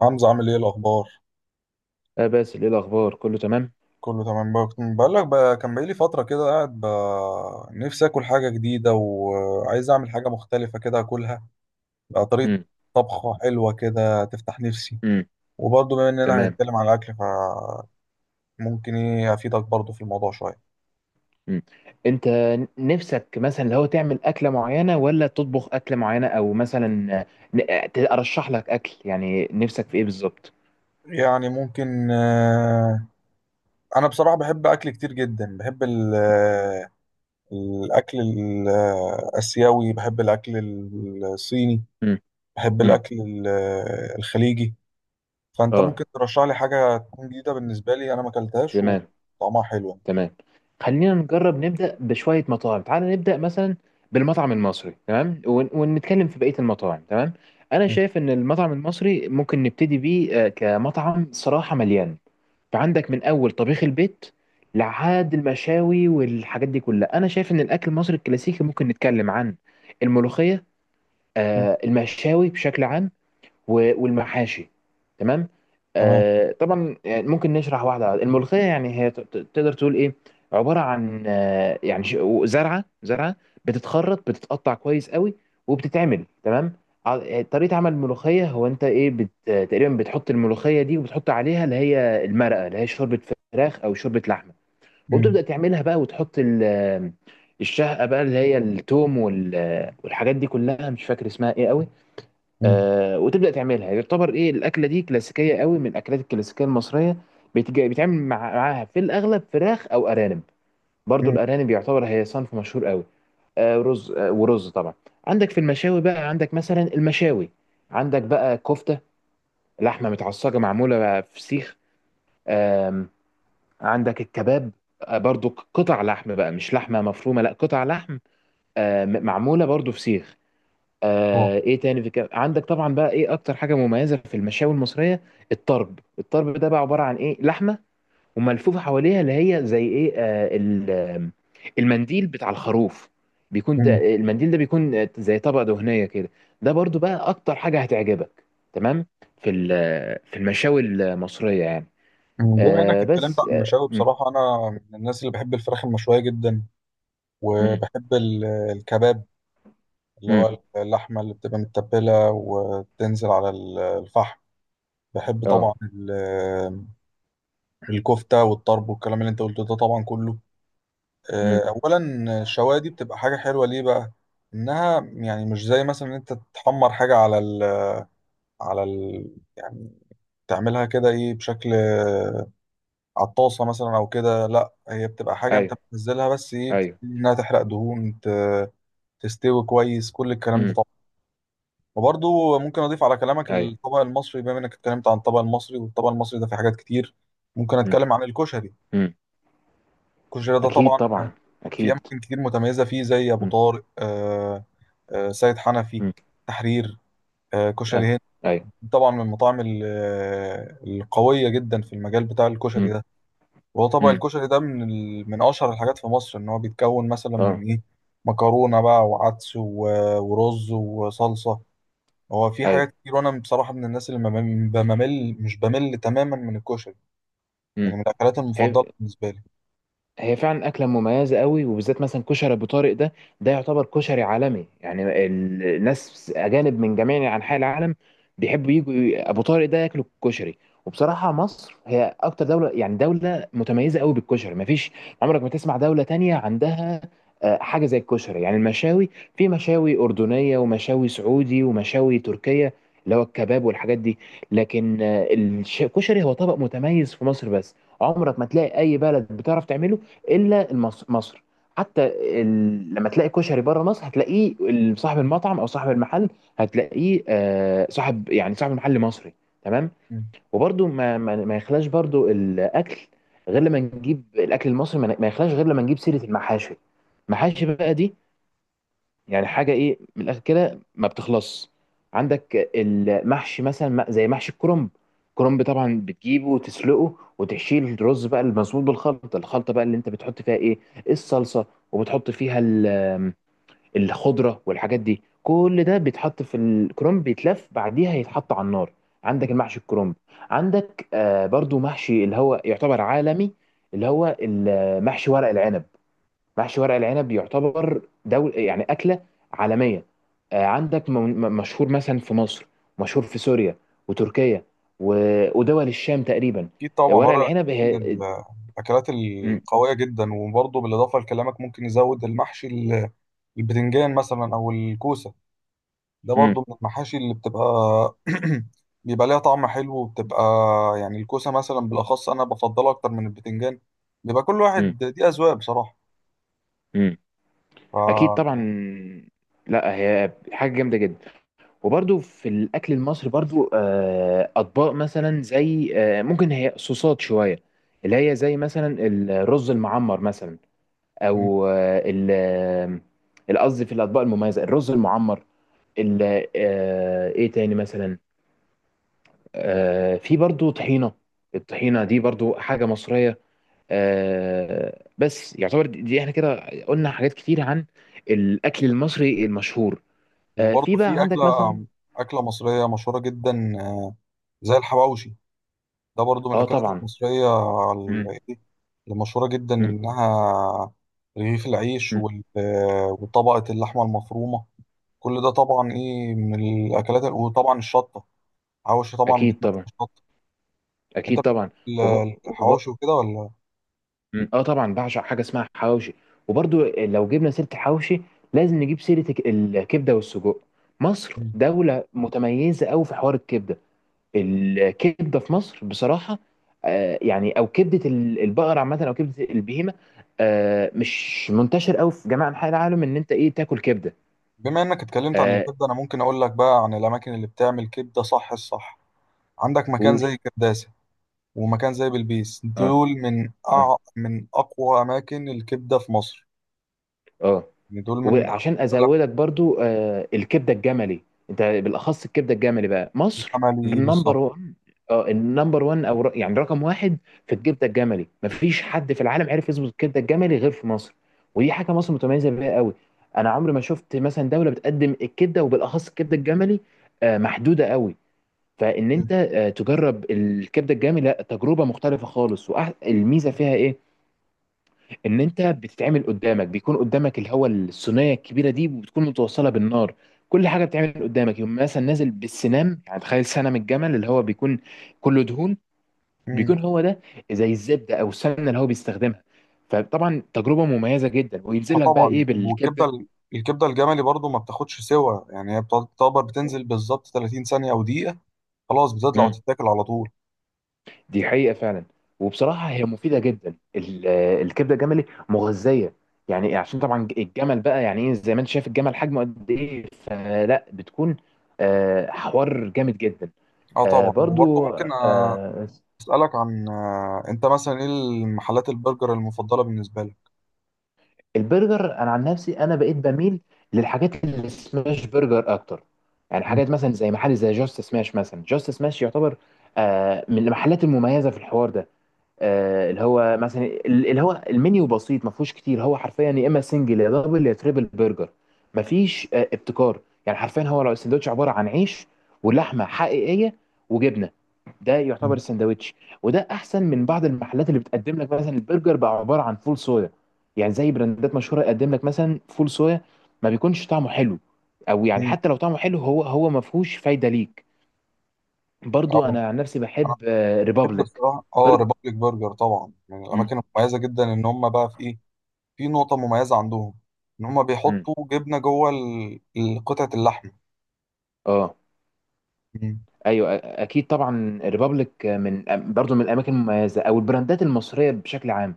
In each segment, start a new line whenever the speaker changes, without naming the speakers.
حمزة عامل ايه الأخبار؟
آه باسل، ايه الاخبار، كله تمام؟
كله تمام بقى، كنت بقول لك بقى كان بقالي فترة كده قاعد بقى نفسي آكل حاجة جديدة وعايز أعمل حاجة مختلفة كده آكلها، بقى طريقة
امم.
طبخة حلوة كده تفتح نفسي.
امم.
وبرضه بما إننا
تمام.
هنتكلم على الأكل فممكن إيه أفيدك برضه في الموضوع شوية.
امم. انت نفسك مثلا لو تعمل اكله معينه، ولا تطبخ اكله معينه، او مثلا ارشح لك اكل، يعني نفسك في ايه بالظبط؟
يعني ممكن، أنا بصراحة بحب أكل كتير جدا، بحب الأكل الآسيوي، بحب الأكل الصيني،
امم.
بحب
امم.
الأكل الخليجي. فانت
اه.
ممكن ترشح لي حاجه تكون جديده بالنسبه لي انا ما اكلتهاش
تمام.
وطعمها حلو يعني.
تمام. خلينا نجرب نبدأ بشوية مطاعم، تعال نبدأ مثلا بالمطعم المصري، تمام. ون- ونتكلم في بقية المطاعم، تمام. أنا
ماشي.
شايف إن المطعم المصري ممكن نبتدي بيه، كمطعم صراحة مليان. فعندك من أول طبيخ البيت لحد المشاوي والحاجات دي كلها. أنا شايف إن الأكل المصري الكلاسيكي ممكن نتكلم عن الملوخية،
مم.
المشاوي بشكل عام، و- والمحاشي. تمام.
تمام.
طبعا يعني ممكن نشرح واحده واحدة. الملوخيه يعني هي، تقدر تقول ايه، عباره عن، زرعه بتتخرط، بتتقطع كويس قوي وبتتعمل. تمام. طريقه عمل الملوخيه هو انت ايه تقريبا بتحط الملوخيه دي، وبتحط عليها اللي هي المرقه، اللي هي شوربه فراخ او شوربه لحمه.
مم.
وبتبدا تعملها بقى وتحط الشهقه بقى، اللي هي التوم وال- والحاجات دي كلها، مش فاكر اسمها ايه قوي.
مم.
وتبدا تعملها. يعتبر ايه، الاكله دي كلاسيكيه قوي، من الاكلات الكلاسيكيه المصريه. بيتعمل معاها في الاغلب فراخ او ارانب. برضو
مم.
الارانب يعتبر هي صنف مشهور قوي. رز، آه ورز طبعا. عندك في المشاوي بقى، عندك مثلا المشاوي، عندك بقى كفته، لحمه متعصجه معموله بقى في سيخ. آم، عندك الكباب، برضو قطع لحم بقى، مش لحمه مفرومه، لا قطع لحم، معموله برضو في سيخ.
آه.
ايه تاني في كده؟ عندك طبعا بقى ايه اكتر حاجه مميزه في المشاوي المصريه؟ الطرب. الطرب ده بقى عباره عن ايه، لحمه وملفوفه حواليها اللي هي زي ايه، آه ال- آم، المنديل بتاع الخروف. بيكون
مم.
المنديل ده بيكون زي طبقه دهنيه كده. ده برضو بقى اكتر حاجه هتعجبك، تمام، في في المشاوي المصريه يعني.
مم. بما انك
آه.
اتكلمت
بس
عن
اه.
المشاوي،
مم.
بصراحه انا من الناس اللي بحب الفراخ المشويه جدا،
مم.
وبحب الكباب اللي
مم.
هو اللحمه اللي بتبقى متبله وتنزل على الفحم. بحب
آه.
طبعا الكفته والطرب والكلام اللي انت قلته ده طبعا كله.
مم.
اولا الشوايه دي بتبقى حاجه حلوه ليه بقى؟ انها يعني مش زي مثلا ان انت تحمر حاجه على ال على ال يعني تعملها كده ايه بشكل، على الطاسه مثلا او كده. لا، هي بتبقى حاجه انت
ايوه.
بتنزلها بس ايه،
ايوه.
بتبتدي انها تحرق دهون، تستوي كويس، كل الكلام ده
مم.
طبعا. وبرضه ممكن اضيف على كلامك
ايوه.
الطبق المصري. بما انك اتكلمت عن الطبق المصري، والطبق المصري ده في حاجات كتير. ممكن
مم.
اتكلم عن الكشري.
مم.
الكشري ده
اكيد
طبعا
طبعا.
في
اكيد.
اماكن كتير متميزه فيه، زي ابو
مم.
طارق، سيد حنفي،
مم.
تحرير، كشري
ايوه.
هند،
ايوه.
طبعا من المطاعم القوية جدا في المجال بتاع الكشري
امم.
ده. وهو طبق
امم.
الكشري ده من أشهر الحاجات في مصر، إن هو بيتكون مثلا من
اه.
إيه، مكرونة بقى وعدس ورز وصلصة. هو في حاجات
ايوه.
كتير، وأنا بصراحة من الناس اللي ما بمل، مش بمل تماما من الكشري، يعني
امم.
من الأكلات
هي
المفضلة بالنسبة لي.
هي فعلا أكلة مميزة قوي، وبالذات مثلا كشري أبو طارق ده. ده يعتبر كشري عالمي، يعني الناس أجانب من جميع أنحاء العالم بيحبوا يجوا أبو طارق ده ياكلوا الكشري. وبصراحة مصر هي أكتر دولة، يعني دولة متميزة قوي بالكشري. مفيش عمرك ما تسمع دولة تانية عندها حاجة زي الكشري. يعني المشاوي، في مشاوي أردنية ومشاوي سعودي ومشاوي تركية، اللي هو الكباب والحاجات دي. لكن الكشري هو طبق متميز في مصر بس. عمرك ما تلاقي اي بلد بتعرف تعمله الا مصر. حتى لما تلاقي كشري بره مصر، هتلاقيه، صاحب المطعم او صاحب المحل، هتلاقيه صاحب، يعني صاحب المحل، مصري. تمام.
مم.
وبرده ما يخلاش برده الاكل غير لما نجيب الاكل المصري، ما ما يخلاش غير لما نجيب سيره المحاشي. المحاشي بقى دي يعني حاجه ايه، من الاخر كده ما بتخلصش. عندك المحشي مثلا، زي محشي الكرنب. الكرنب طبعا بتجيبه وتسلقه وتحشيه الرز بقى المزنوق بالخلطه، الخلطه بقى اللي انت بتحط فيها ايه، الصلصه، وبتحط فيها الخضره والحاجات دي. كل ده بيتحط في الكرنب، بيتلف، بعديها يتحط على النار. عندك المحشي الكرنب، عندك برضو محشي اللي هو يعتبر عالمي، اللي هو المحشي ورق العنب. محشي ورق العنب يعتبر دول يعني أكلة عالمية. عندك مشهور مثلا في مصر، مشهور في سوريا وتركيا، و- ودول الشام تقريبا.
أكيد طبعا
ورق
ورق،
العنب
من
هي.
الأكلات
م-
القوية جدا. وبرضه بالإضافة لكلامك ممكن نزود المحشي البتنجان مثلا او الكوسه. ده
م-
برضو من المحاشي اللي بيبقى ليها طعم حلو وبتبقى، يعني الكوسه مثلا بالاخص انا بفضلها اكتر من البتنجان. بيبقى كل
م-
واحد، دي اذواق بصراحه.
م. أكيد طبعا.
ف
لا هي حاجة جامدة جدا. وبرده في الأكل المصري برده، أطباق مثلا زي، ممكن هي صوصات شوية، اللي هي زي مثلا الرز المعمر مثلا،
م.
او القصدي في الاطباق المميزه، الرز المعمر، ايه تاني مثلا، في برضو طحينه. الطحينه دي برضو حاجه مصريه. بس يعتبر، دي دي احنا كده قلنا حاجات كتير عن الاكل المصري المشهور. في
وبرضو
بقى
في
عندك
اكله
مثلا.
اكله مصريه مشهوره جدا زي الحواوشي. ده برضو من
اه
الاكلات
طبعا.
المصريه،
مم.
ال- اللي مشهوره جدا
مم.
انها رغيف العيش
مم.
وطبقه اللحمه المفرومه، كل ده طبعا ايه من الاكلات، وطبعا الشطه. حواوشي طبعا
اكيد
بتمثل
طبعا.
شط. انت
اكيد طبعا.
بتحب ال-
وب... وب...
الحواوشي وكده ولا؟
مم. اه طبعا، بعشق حاجه اسمها حواوشي. وبرضو لو جبنا سيره الحواوشي، لازم نجيب سيره الكبده والسجق. مصر
مم.
دوله متميزه قوي في حوار الكبده. الكبده في مصر بصراحه، يعني، او كبده البقر عامه، او كبده البهيمه، مش منتشر قوي في جميع انحاء العالم ان انت ايه تاكل كبده.
بما انك اتكلمت عن
آه.
الكبده، انا ممكن اقول لك بقى عن الاماكن اللي بتعمل كبده صح الصح. عندك مكان
قول.
زي كرداسه ومكان زي بلبيس،
اه.
دول
اه.
من اقوى اماكن الكبده في مصر.
اه.
يعني دول من أقوى
وعشان
الأماكن.
ازودك برضو، الكبده الجملي، انت بالاخص الكبده الجملي بقى، مصر
الجملي
النمبر
بالظبط.
1. اه النمبر 1، او يعني رقم واحد في الكبده الجملي. مفيش حد في العالم عرف يظبط الكبده الجملي غير في مصر. ودي حاجه مصر متميزه بيها قوي. انا عمري ما شفت مثلا دوله بتقدم الكبده، وبالاخص الكبده الجملي، محدوده قوي. فان
مم.
انت تجرب الكبده الجملي، لا تجربه مختلفه خالص. والميزه فيها ايه، ان انت بتتعمل قدامك، بيكون قدامك اللي هو الصينيه الكبيره دي، وبتكون متوصله بالنار، كل حاجه بتتعمل قدامك. يوم مثلا نازل بالسنام، يعني تخيل سنام الجمل اللي هو بيكون كله دهون،
مم.
بيكون هو ده زي الزبده او السمنه اللي هو بيستخدمها. فطبعا تجربه مميزه جدا،
اه
وينزل لك بقى
طبعا.
ايه
والكبده
بالكبده.
ال- الكبده الجملي برضو ما بتاخدش سوا، يعني هي بتعتبر بتنزل بالظبط 30 ثانيه او دقيقه، خلاص بتطلع وتتاكل على طول.
دي حقيقة فعلا. وبصراحة هي مفيدة جدا، الكبدة الجملي مغذية. يعني عشان طبعا الجمل بقى، يعني ايه، زي ما انت شايف الجمل حجمه قد ايه، فلا بتكون حوار جامد جدا.
اه
آه،
طبعا. وبرضه
برضو
ممكن
آه،
أسألك عن، أنت مثلا، إيه المحلات البرجر المفضلة بالنسبة لك؟
البرجر، انا عن نفسي انا بقيت بميل للحاجات اللي سماش برجر اكتر، يعني
مم.
حاجات مثلا زي محل زي جاست سماش. مثلا جاست سماش يعتبر من المحلات المميزة في الحوار ده. اللي هو المنيو بسيط، ما فيهوش كتير. هو حرفيا يا اما سنجل، يا دبل، يا تريبل برجر. ما فيش ابتكار. يعني حرفيا هو لو السندوتش عباره عن عيش ولحمه حقيقيه وجبنه، ده يعتبر
مم.
السندوتش. وده احسن من بعض المحلات اللي بتقدم لك مثلا البرجر بقى عباره عن فول صويا. يعني زي براندات مشهوره يقدم لك مثلا فول صويا، ما بيكونش طعمه حلو. او يعني
مم.
حتى لو طعمه حلو، هو ما فيهوش فايده ليك. برضو
أه.
انا عن نفسي
أنا
بحب
بحب
ريبابليك
بصراحة
برجر.
ريبابليك برجر، طبعا من
مم.
الأماكن المميزة جدا، إن هم بقى في إيه؟ في نقطة مميزة عندهم، إن هم
مم.
بيحطوا جبنة جوه قطعة اللحمة.
اه.
مم.
ايوه. اكيد طبعا، الريبابليك، من برضو من الاماكن المميزه، او البراندات المصريه بشكل عام.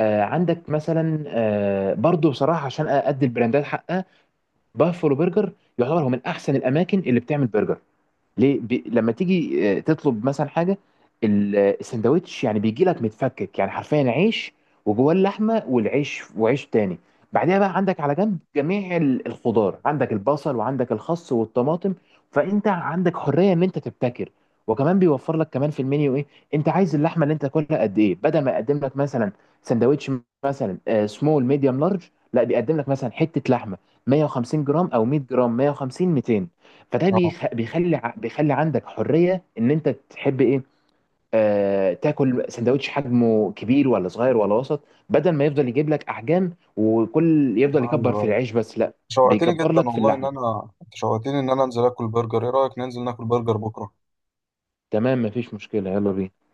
عندك مثلا، برضو بصراحه عشان ادي البراندات حقها، بافلو برجر. يعتبر هو من احسن الاماكن اللي بتعمل برجر. ليه، لما تيجي تطلب مثلا حاجه، السندوتش يعني بيجي لك متفكك، يعني حرفيا عيش وجواه اللحمه والعيش وعيش تاني. بعدها بقى عندك على جنب جميع الخضار، عندك البصل وعندك الخس والطماطم. فانت عندك حريه ان انت تبتكر. وكمان بيوفر لك كمان في المنيو ايه، انت عايز اللحمه اللي انت تاكلها قد ايه. بدل ما يقدم لك مثلا سندوتش مثلا سمول ميديوم لارج، لا بيقدم لك مثلا حته لحمه 150 جرام او 100 جرام، 150، 200. فده
أه.
بيخلي عندك حريه ان انت تحب ايه. تاكل سندوتش حجمه كبير ولا صغير ولا وسط، بدل ما يفضل يجيب لك احجام وكل يفضل
أيوه.
يكبر في
أيوه.
العيش، بس لا،
شوقتني
بيكبر
جدا
لك في
والله، إن
اللحمه.
أنا أنت شوقتني إن أنا أنزل آكل برجر. إيه رأيك ننزل ناكل برجر بكرة؟
تمام، مفيش مشكله، يلا بينا.